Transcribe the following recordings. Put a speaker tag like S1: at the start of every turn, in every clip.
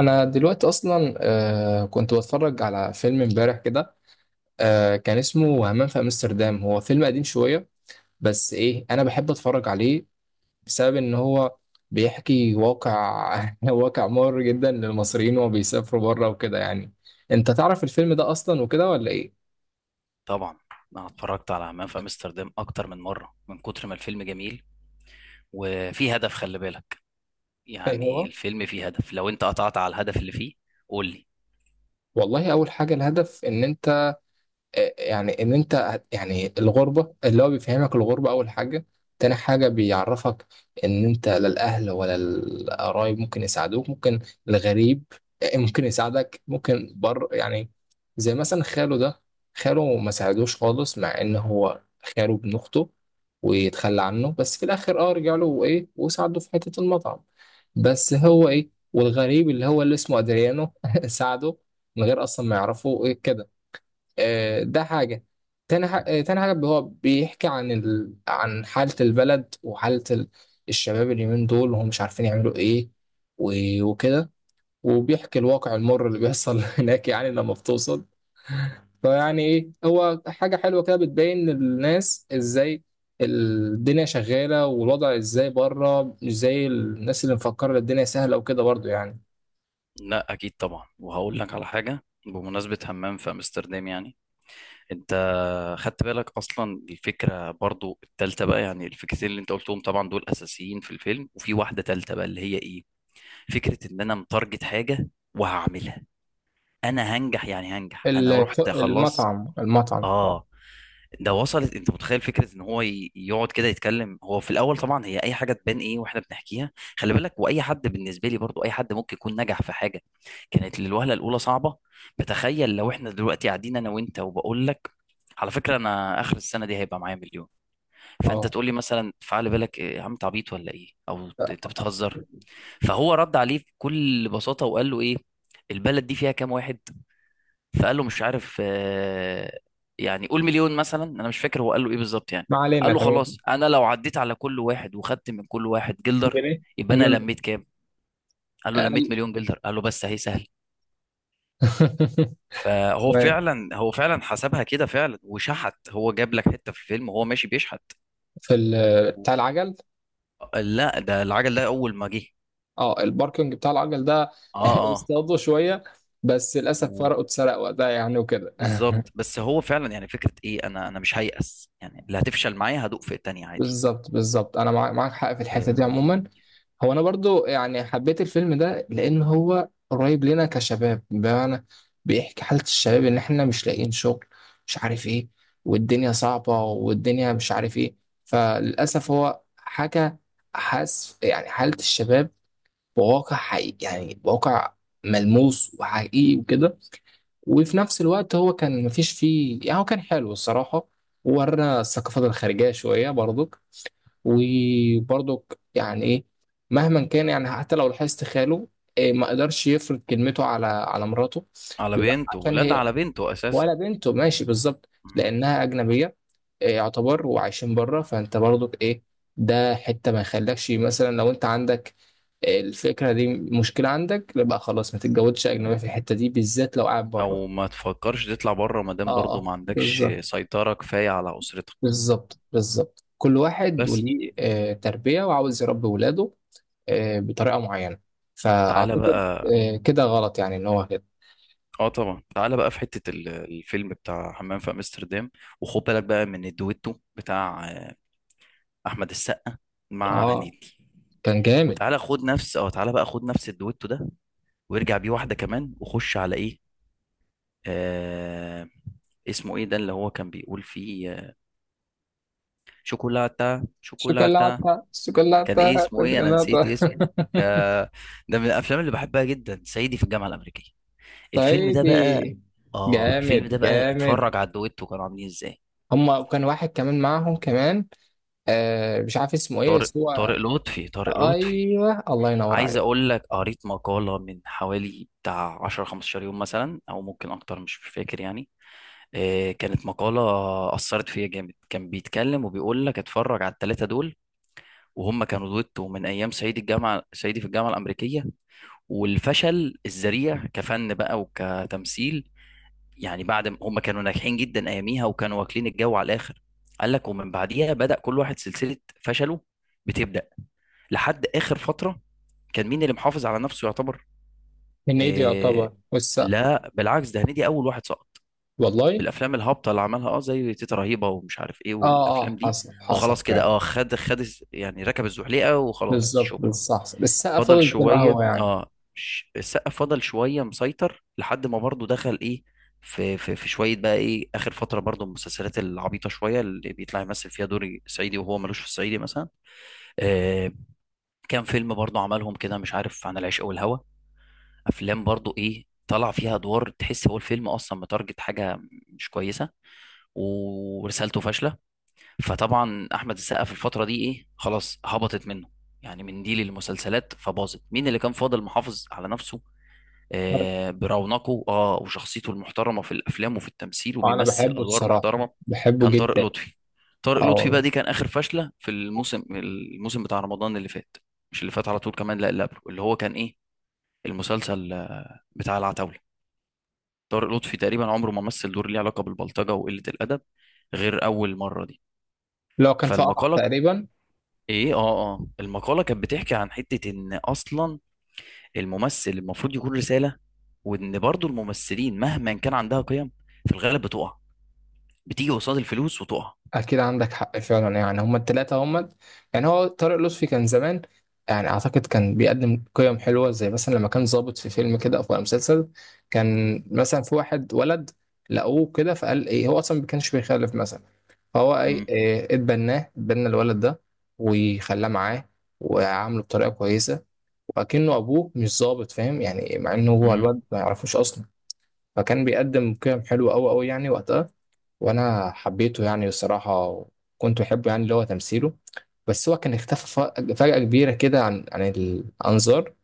S1: انا دلوقتي اصلا. كنت بتفرج على فيلم امبارح كده. كان اسمه همام في امستردام، هو فيلم قديم شويه، بس ايه انا بحب اتفرج عليه بسبب ان هو بيحكي واقع واقع مر جدا للمصريين وهو بيسافروا بره وكده يعني. انت تعرف الفيلم ده اصلا وكده ولا ايه؟
S2: طبعا، انا اتفرجت على همام في امستردام اكتر من مره من كتر ما الفيلم جميل. وفي هدف خلي بالك،
S1: إيه
S2: يعني
S1: هو؟
S2: الفيلم فيه هدف. لو انت قطعت على الهدف اللي فيه قول لي.
S1: والله اول حاجه الهدف ان انت، يعني ان انت يعني الغربه، اللي هو بيفهمك الغربه اول حاجه. تاني حاجه بيعرفك ان انت لا الاهل ولا القرايب ممكن يساعدوك، ممكن الغريب ممكن يساعدك، ممكن بر يعني. زي مثلا خاله ده، خاله ما ساعدوش خالص، مع ان هو خاله ابن اخته، ويتخلى عنه، بس في الاخر اه رجع له وايه وساعده في حته المطعم. بس هو ايه، والغريب اللي هو اللي اسمه ادريانو ساعده من غير اصلا ما يعرفه ايه كده. ده حاجة. تاني حاجة، تاني حاجة هو بيحكي عن عن حالة البلد وحالة الشباب اليومين دول، وهم مش عارفين يعملوا ايه و... وكده، وبيحكي الواقع المر اللي بيحصل هناك يعني لما بتوصل. فيعني ايه، هو حاجة حلوة كده، بتبين للناس ازاي الدنيا شغالة، والوضع ازاي بره، مش زي الناس اللي مفكرة الدنيا سهلة وكده برضو يعني.
S2: لا اكيد طبعا، وهقول لك على حاجه بمناسبه همام في امستردام. يعني انت خدت بالك اصلا الفكره برضو التالتة بقى؟ يعني الفكرتين اللي انت قلتهم طبعا دول اساسيين في الفيلم، وفي واحده تالتة بقى اللي هي ايه. فكره ان انا متارجت حاجه وهعملها، انا هنجح، يعني هنجح، انا رحت خلاص.
S1: المطعم المطعم اه.
S2: اه، ده وصلت؟ انت متخيل فكره ان هو يقعد كده يتكلم؟ هو في الاول طبعا هي اي حاجه تبان ايه واحنا بنحكيها. خلي بالك واي حد بالنسبه لي، برضو اي حد ممكن يكون نجح في حاجه كانت للوهله الاولى صعبه. بتخيل لو احنا دلوقتي قاعدين انا وانت، وبقول لك على فكره انا اخر السنه دي هيبقى معايا مليون، فانت
S1: اه،
S2: تقول لي مثلا فعلى بالك إيه يا عم، انت عبيط ولا ايه، او انت بتهزر. فهو رد عليه بكل بساطه وقال له ايه، البلد دي فيها كام واحد؟ فقال له مش عارف، يعني قول مليون مثلا، انا مش فاكر هو قال له ايه بالظبط يعني.
S1: ما
S2: قال
S1: علينا.
S2: له
S1: تمام.
S2: خلاص انا لو عديت على كل واحد وخدت من كل واحد جلدر،
S1: جنيه.
S2: يبقى انا
S1: جلد.
S2: لميت كام؟ قال له لميت
S1: اقل.
S2: مليون جلدر. قال له بس اهي سهل. فهو
S1: تمام.
S2: فعلا، هو فعلا حسبها كده فعلا وشحت، هو جاب لك حتة في الفيلم وهو ماشي بيشحت.
S1: في
S2: و-
S1: بتاع العجل.
S2: لا ده العجل ده اول ما جه.
S1: اه الباركنج بتاع العجل ده.
S2: اه اه.
S1: اصطادوا شويه، بس للاسف
S2: و-
S1: فرقه اتسرق وقتها يعني وكده.
S2: بالظبط. بس هو فعلا يعني فكرة ايه، انا مش هيأس، يعني اللي هتفشل معايا هدوق في التانية
S1: بالظبط، بالظبط، انا معاك حق في الحته دي
S2: عادي.
S1: عموما. هو انا برضو يعني حبيت الفيلم ده لان هو قريب لنا كشباب، بمعنى بيحكي حاله الشباب، ان احنا مش لاقيين شغل، مش عارف ايه، والدنيا صعبه، والدنيا مش عارف ايه. فللاسف هو حاجه، حاس يعني حاله الشباب بواقع حقيقي، يعني بواقع ملموس وحقيقي وكده. وفي نفس الوقت هو كان مفيش فيه يعني، هو كان حلو الصراحه، وورنا الثقافات الخارجيه شويه برضو. وبرضك يعني ايه، مهما كان يعني، حتى لو لاحظت خاله، إيه ما قدرش يفرض كلمته على على مراته.
S2: على
S1: بيبقى
S2: بنته،
S1: عشان
S2: لا ده
S1: هي،
S2: على بنته اساسا.
S1: ولا بنته، ماشي بالظبط،
S2: مهم.
S1: لانها اجنبيه إيه، يعتبر وعايشين بره. فانت برضك ايه، ده حته ما يخلكش مثلا، لو انت عندك الفكره دي مشكله عندك، لا بقى خلاص ما تتجوزش اجنبيه في الحته دي بالذات لو قاعد بره.
S2: او ما تفكرش تطلع بره ما دام
S1: اه
S2: برضه
S1: اه
S2: ما عندكش
S1: بالظبط،
S2: سيطرة كفاية على اسرتك.
S1: بالظبط، بالظبط، كل واحد
S2: بس
S1: وليه تربيه وعاوز يربي ولاده بطريقه معينه.
S2: تعالى
S1: فاعتقد
S2: بقى.
S1: كده غلط يعني ان هو كده.
S2: اه طبعا، تعالى بقى في حتة الفيلم بتاع حمام في امستردام، وخد بالك بقى من الدويتو بتاع احمد السقا مع
S1: اه.
S2: هنيدي.
S1: كان جامد.
S2: وتعالى خد نفس، اه تعالى بقى خد نفس الدويتو ده وارجع بيه واحدة كمان، وخش على ايه، آه... اسمه ايه ده اللي هو كان بيقول فيه شوكولاتة شوكولاتة.
S1: شوكولاته
S2: كان
S1: شوكولاته
S2: ايه اسمه، ايه انا
S1: شوكولاته.
S2: نسيت اسمه. ده، ده من الافلام اللي بحبها جدا، صعيدي في الجامعه الامريكيه. الفيلم ده بقى،
S1: صعيدي.
S2: اه الفيلم ده
S1: جامد
S2: بقى اتفرج
S1: جامد.
S2: على الدويتو كانوا عاملين ازاي.
S1: هما، وكان واحد كمان معاهم كمان، آه مش عارف اسمه ايه
S2: طارق،
S1: بس هو.
S2: طارق لطفي.
S1: ايوه، الله ينور
S2: عايز
S1: عليك.
S2: اقول لك، قريت مقاله من حوالي بتاع 10 15 يوم مثلا او ممكن اكتر مش فاكر يعني. كانت مقاله اثرت فيا جامد، كان بيتكلم وبيقول لك اتفرج على الثلاثه دول، وهم كانوا دويتو من ايام صعيدي الجامعه، صعيدي في الجامعه الامريكيه. والفشل الذريع كفن بقى وكتمثيل، يعني بعد ما هم كانوا ناجحين جدا اياميها وكانوا واكلين الجو على الاخر، قال لك ومن بعديها بدأ كل واحد سلسلة فشله بتبدأ لحد اخر فترة. كان مين اللي محافظ على نفسه يعتبر؟
S1: هنيدي يعتبر،
S2: إيه،
S1: والسقا.
S2: لا بالعكس ده هنيدي اول واحد سقط
S1: والله.
S2: بالافلام الهابطة اللي عملها، اه زي تيتا رهيبة ومش عارف ايه،
S1: اه
S2: والافلام
S1: اه
S2: دي.
S1: حصل، حصل
S2: وخلاص كده،
S1: فعلا.
S2: اه خد خد يعني ركب الزحليقة وخلاص
S1: بالظبط،
S2: شكرا.
S1: بالظبط، السقا
S2: فضل
S1: فضل زي ما
S2: شوية،
S1: هو يعني.
S2: اه السقا فضل شوية مسيطر لحد ما برضه دخل ايه في شوية بقى ايه اخر فترة برضه المسلسلات العبيطة شوية اللي بيطلع يمثل فيها دور صعيدي وهو ملوش في الصعيدي مثلا. آه، كام فيلم برضه عملهم كده مش عارف، عن العشق والهوى، افلام برضه ايه طلع فيها ادوار تحس هو الفيلم اصلا متارجت حاجة مش كويسة، ورسالته فاشلة. فطبعا احمد السقا في الفترة دي ايه خلاص هبطت منه، يعني من دي للمسلسلات فباظت. مين اللي كان فاضل محافظ على نفسه؟ برونقه، اه وشخصيته المحترمه في الافلام وفي التمثيل
S1: وانا
S2: وبيمثل
S1: بحبه
S2: ادوار
S1: الصراحه،
S2: محترمه،
S1: بحبه
S2: كان طارق
S1: جدا.
S2: لطفي. طارق
S1: اه
S2: لطفي بقى
S1: والله.
S2: دي كان اخر فشله في الموسم، الموسم بتاع رمضان اللي فات. مش اللي فات على طول كمان، لا اللي قبله، اللي هو كان ايه المسلسل بتاع العتاوله. طارق لطفي تقريبا عمره ما مثل دور ليه علاقه بالبلطجه وقله الادب غير اول مره دي.
S1: لو كان في قرع
S2: فالمقاله
S1: تقريبا.
S2: ايه، اه اه المقاله كانت بتحكي عن حته ان اصلا الممثل المفروض يكون رسالة، وان برضو الممثلين مهما كان عندها قيم في الغالب بتقع، بتيجي قصاد الفلوس وتقع.
S1: اكيد عندك حق فعلا يعني، هما التلاتة هما، يعني هو طارق لطفي كان زمان، يعني اعتقد كان بيقدم قيم حلوه. زي مثلا لما كان ظابط في فيلم كده او في مسلسل، كان مثلا في واحد ولد لقوه كده، فقال ايه، هو اصلا ما كانش بيخالف مثلا، فهو ايه،
S2: امم.
S1: إيه، اتبناه، اتبنى الولد ده، وخلاه معاه، وعامله بطريقه كويسه، وأكنه ابوه، مش ظابط، فاهم يعني، مع انه هو
S2: امم.
S1: الواد ما يعرفوش اصلا. فكان بيقدم قيم حلوه قوي قوي يعني وقتها، وانا حبيته يعني الصراحه، وكنت بحبه يعني اللي هو تمثيله. بس هو كان اختفى فجأة كبيرة كده، عن عن الأنظار.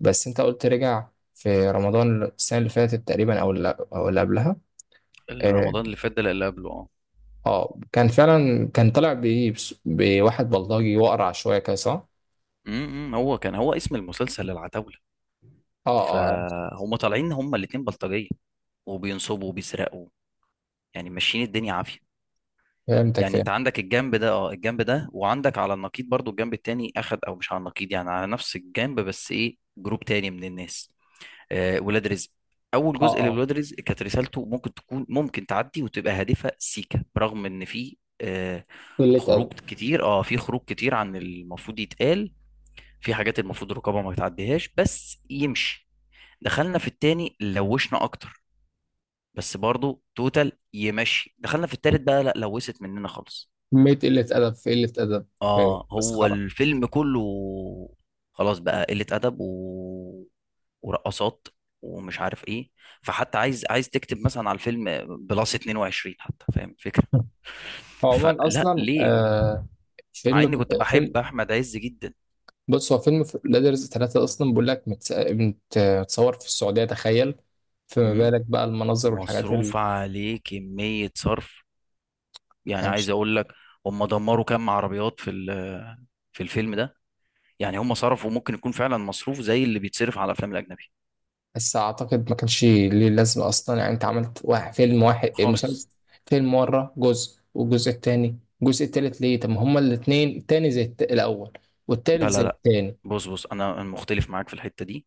S1: بس أنت قلت رجع في رمضان السنة اللي فاتت تقريبا، أو اللي أو اللي قبلها. آه.
S2: رمضان اللي فات ده لا، اللي قبله اه.
S1: كان فعلا كان طالع بإيه، بواحد بلطجي وأقرع شوية كده، صح؟
S2: امم، هو كان، هو اسم المسلسل العتاولة.
S1: آه. آه
S2: فهم طالعين هم الاتنين بلطجية، وبينصبوا وبيسرقوا، يعني ماشيين الدنيا عافية.
S1: فهمتك،
S2: يعني
S1: فاهم.
S2: انت عندك الجنب ده، اه الجنب ده، وعندك على النقيض برضو الجنب التاني اخد، او مش على النقيض، يعني على نفس الجنب بس ايه جروب تاني من الناس، ولاد رزق. اول
S1: آه
S2: جزء
S1: آه
S2: لولاد رزق كانت رسالته ممكن تكون، ممكن تعدي وتبقى هادفه سيكه، برغم ان في
S1: قلة أدب.
S2: خروج كتير، اه في خروج كتير عن المفروض يتقال، في حاجات المفروض الرقابه ما تعديهاش، بس يمشي. دخلنا في التاني، لوشنا اكتر بس برضو توتال يمشي. دخلنا في التالت بقى، لا لوست مننا خالص.
S1: كمية قلة أدب، في قلة أدب، في
S2: اه هو
S1: مسخرة.
S2: الفيلم كله خلاص بقى قلة أدب و... ورقصات ومش عارف ايه. فحتى عايز تكتب مثلا على الفيلم بلس 22 حتى، فاهم الفكرة.
S1: هو عموما
S2: فلا
S1: أصلا
S2: ليه،
S1: آه
S2: مع اني
S1: فيلم،
S2: كنت بحب
S1: فيلم،
S2: احمد عز جدا.
S1: بص هو فيلم لادرز ثلاثة أصلا، بقول لك متصور في السعودية، تخيل. فما
S2: مم.
S1: بالك بقى المناظر والحاجات اللي
S2: ومصروف عليه كمية صرف. يعني
S1: يعني
S2: عايز اقول لك، هم دمروا كام عربيات في في الفيلم ده. يعني هم صرفوا ممكن يكون فعلا مصروف زي اللي بيتصرف على الافلام الاجنبي
S1: بس أعتقد ما كانش ليه لازمة أصلا، يعني أنت عملت واحد فيلم، واحد إيه،
S2: خالص.
S1: مسلسل، فيلم مرة جزء، والجزء التاني، الجزء التالت ليه؟ طب ما هما الاتنين التاني زي الأول، والتالت
S2: لا
S1: زي
S2: لا لا،
S1: التاني.
S2: بص بص انا مختلف معاك في الحته دي.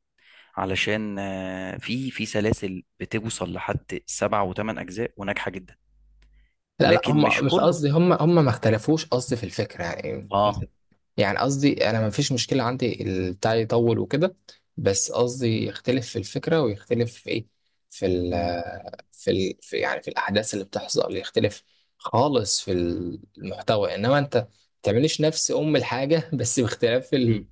S2: علشان في سلاسل بتوصل لحد سبع وثمان اجزاء وناجحه جدا،
S1: لا لا
S2: لكن مش
S1: هم مش
S2: كله.
S1: قصدي، هم ما اختلفوش، قصدي في الفكرة يعني.
S2: اه.
S1: يعني قصدي انا ما فيش مشكلة عندي البتاع يطول وكده، بس قصدي يختلف في الفكرة، ويختلف في ايه، في ال
S2: مم.
S1: في, ال في يعني في الاحداث اللي بتحصل، يختلف خالص في المحتوى. انما انت ما تعمليش نفس ام الحاجة بس باختلاف
S2: مم.
S1: ال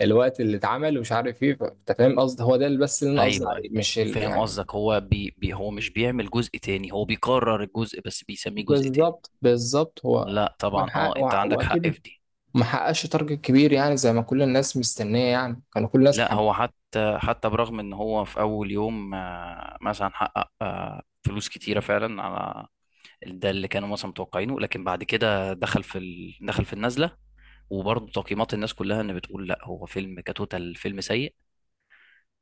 S1: الوقت اللي اتعمل ومش عارف ايه، انت فاهم قصدي، هو ده اللي بس اللي انا قصدي
S2: ايوه
S1: عليه،
S2: ايوه،
S1: مش
S2: فاهم
S1: يعني.
S2: قصدك. هو بي هو مش بيعمل جزء تاني، هو بيكرر الجزء بس بيسميه جزء تاني.
S1: بالظبط، بالظبط، هو
S2: لا طبعا، اه انت عندك حق
S1: واكيد
S2: في دي.
S1: ما حققش تارجت كبير، يعني زي ما كل الناس مستنيه يعني، كانوا كل الناس
S2: لا
S1: محب.
S2: هو حتى، حتى برغم ان هو في اول يوم مثلا حقق فلوس كتيرة فعلا، على ده اللي كانوا مثلا متوقعينه، لكن بعد كده دخل في دخل في النزله. وبرضه تقييمات الناس كلها، ان بتقول لا هو فيلم كتوتال فيلم سيء،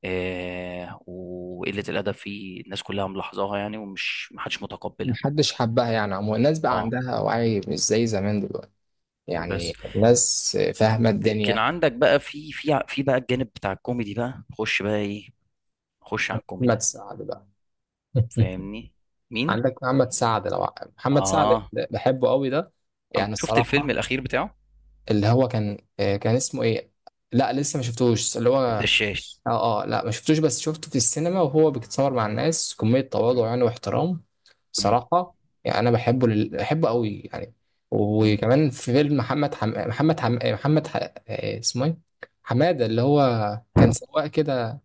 S2: آه وقله الادب فيه الناس كلها ملاحظاها يعني، ومش محدش متقبلها.
S1: محدش حبها يعني عموما، الناس بقى
S2: اه
S1: عندها وعي مش زي زمان دلوقتي،
S2: بس.
S1: يعني الناس فاهمه
S2: لكن
S1: الدنيا.
S2: عندك بقى في في بقى الجانب بتاع الكوميدي بقى خش بقى ايه، خش على
S1: محمد
S2: الكوميدي.
S1: سعد بقى.
S2: فاهمني. مين؟
S1: عندك محمد سعد، لو محمد سعد
S2: اه،
S1: بحبه قوي ده
S2: عم-
S1: يعني
S2: شفت الفيلم
S1: الصراحه.
S2: الاخير بتاعه؟
S1: اللي هو كان كان اسمه ايه؟ لا لسه ما شفتوش، اللي هو.
S2: الدشاش.
S1: اه اه لا ما شفتوش، بس شفته في السينما وهو بيتصور مع الناس، كمية تواضع
S2: مم.
S1: يعني واحترام
S2: مم.
S1: صراحة. يعني انا بحبه لل... بحبه قوي يعني.
S2: مم.
S1: وكمان في فيلم محمد حم... محمد حم... محمد ح... اسمه ايه، حمادة، اللي هو كان سواق كده،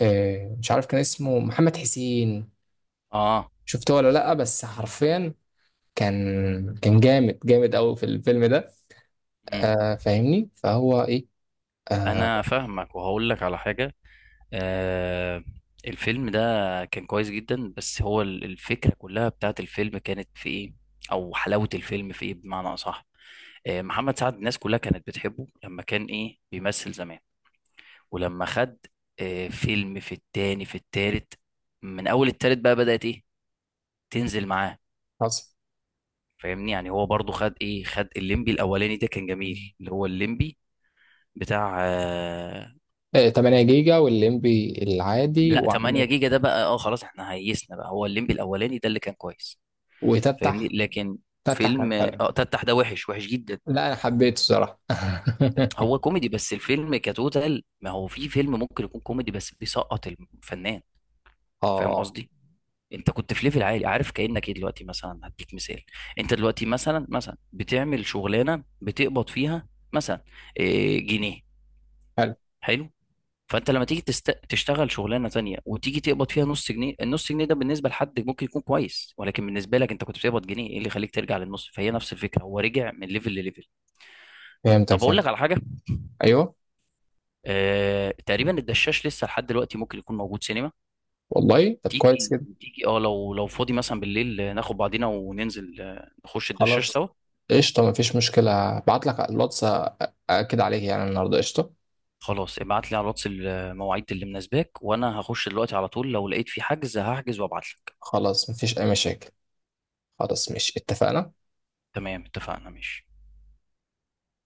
S1: مش عارف، كان اسمه محمد حسين،
S2: اه.
S1: شفته ولا لا؟ بس حرفيا كان، كان جامد، جامد قوي في الفيلم ده.
S2: مم.
S1: آه فاهمني، فهو ايه، آه
S2: انا فاهمك، وهقول لك على حاجه. آه، الفيلم ده كان كويس جدا، بس هو الفكره كلها بتاعت الفيلم كانت في ايه، او حلاوه الفيلم في ايه بمعنى اصح. آه، محمد سعد الناس كلها كانت بتحبه لما كان ايه بيمثل زمان. ولما خد آه فيلم في التاني في التالت، من اول التالت بقى بدات ايه تنزل معاه.
S1: حصل.
S2: فاهمني يعني، هو برضو خد ايه، خد الليمبي الاولاني ده كان جميل، اللي هو الليمبي بتاع،
S1: آه 8 جيجا، والليمبي العادي،
S2: لا
S1: وعندك
S2: 8 جيجا ده بقى اه خلاص احنا هيسنا بقى، هو الليمبي الاولاني ده اللي كان كويس. فاهمني،
S1: وتفتح.
S2: لكن
S1: تفتح
S2: فيلم
S1: كان حلو.
S2: اه تفتح ده وحش، وحش جدا.
S1: لا انا حبيته الصراحه.
S2: هو كوميدي بس الفيلم كتوتال، ما هو في فيلم ممكن يكون كوميدي بس بيسقط الفنان،
S1: اه
S2: فاهم
S1: اه
S2: قصدي. انت كنت في ليفل عالي عارف، كأنك ايه دلوقتي مثلا، هديك مثال. انت دلوقتي مثلا، مثلا بتعمل شغلانه بتقبض فيها مثلا اه، جنيه.
S1: حلو.
S2: حلو. فانت لما تيجي تست... تشتغل شغلانه تانية، وتيجي تقبض فيها نص جنيه، النص جنيه ده بالنسبه لحد ممكن يكون كويس، ولكن بالنسبه لك انت كنت بتقبض جنيه، ايه اللي يخليك ترجع للنص؟ فهي نفس الفكره، هو رجع من ليفل لليفل.
S1: فهمتك،
S2: طب اقول
S1: فهمت.
S2: لك على حاجه.
S1: ايوه.
S2: آه... تقريبا الدشاش لسه لحد دلوقتي ممكن يكون موجود سينما.
S1: والله طب كويس
S2: تيجي،
S1: كده.
S2: تيجي اه لو لو فاضي مثلا بالليل ناخد بعضينا وننزل نخش الدشاش
S1: خلاص،
S2: سوا.
S1: قشطه مفيش مشكله، ابعت لك على الواتس. اكد عليك يعني النهارده، قشطه.
S2: خلاص ابعت لي على الواتس المواعيد اللي مناسباك، وانا هخش دلوقتي على طول لو لقيت في حجز هحجز وابعت لك.
S1: خلاص، مفيش اي مشاكل. خلاص، مش اتفقنا؟
S2: تمام، اتفقنا، ماشي.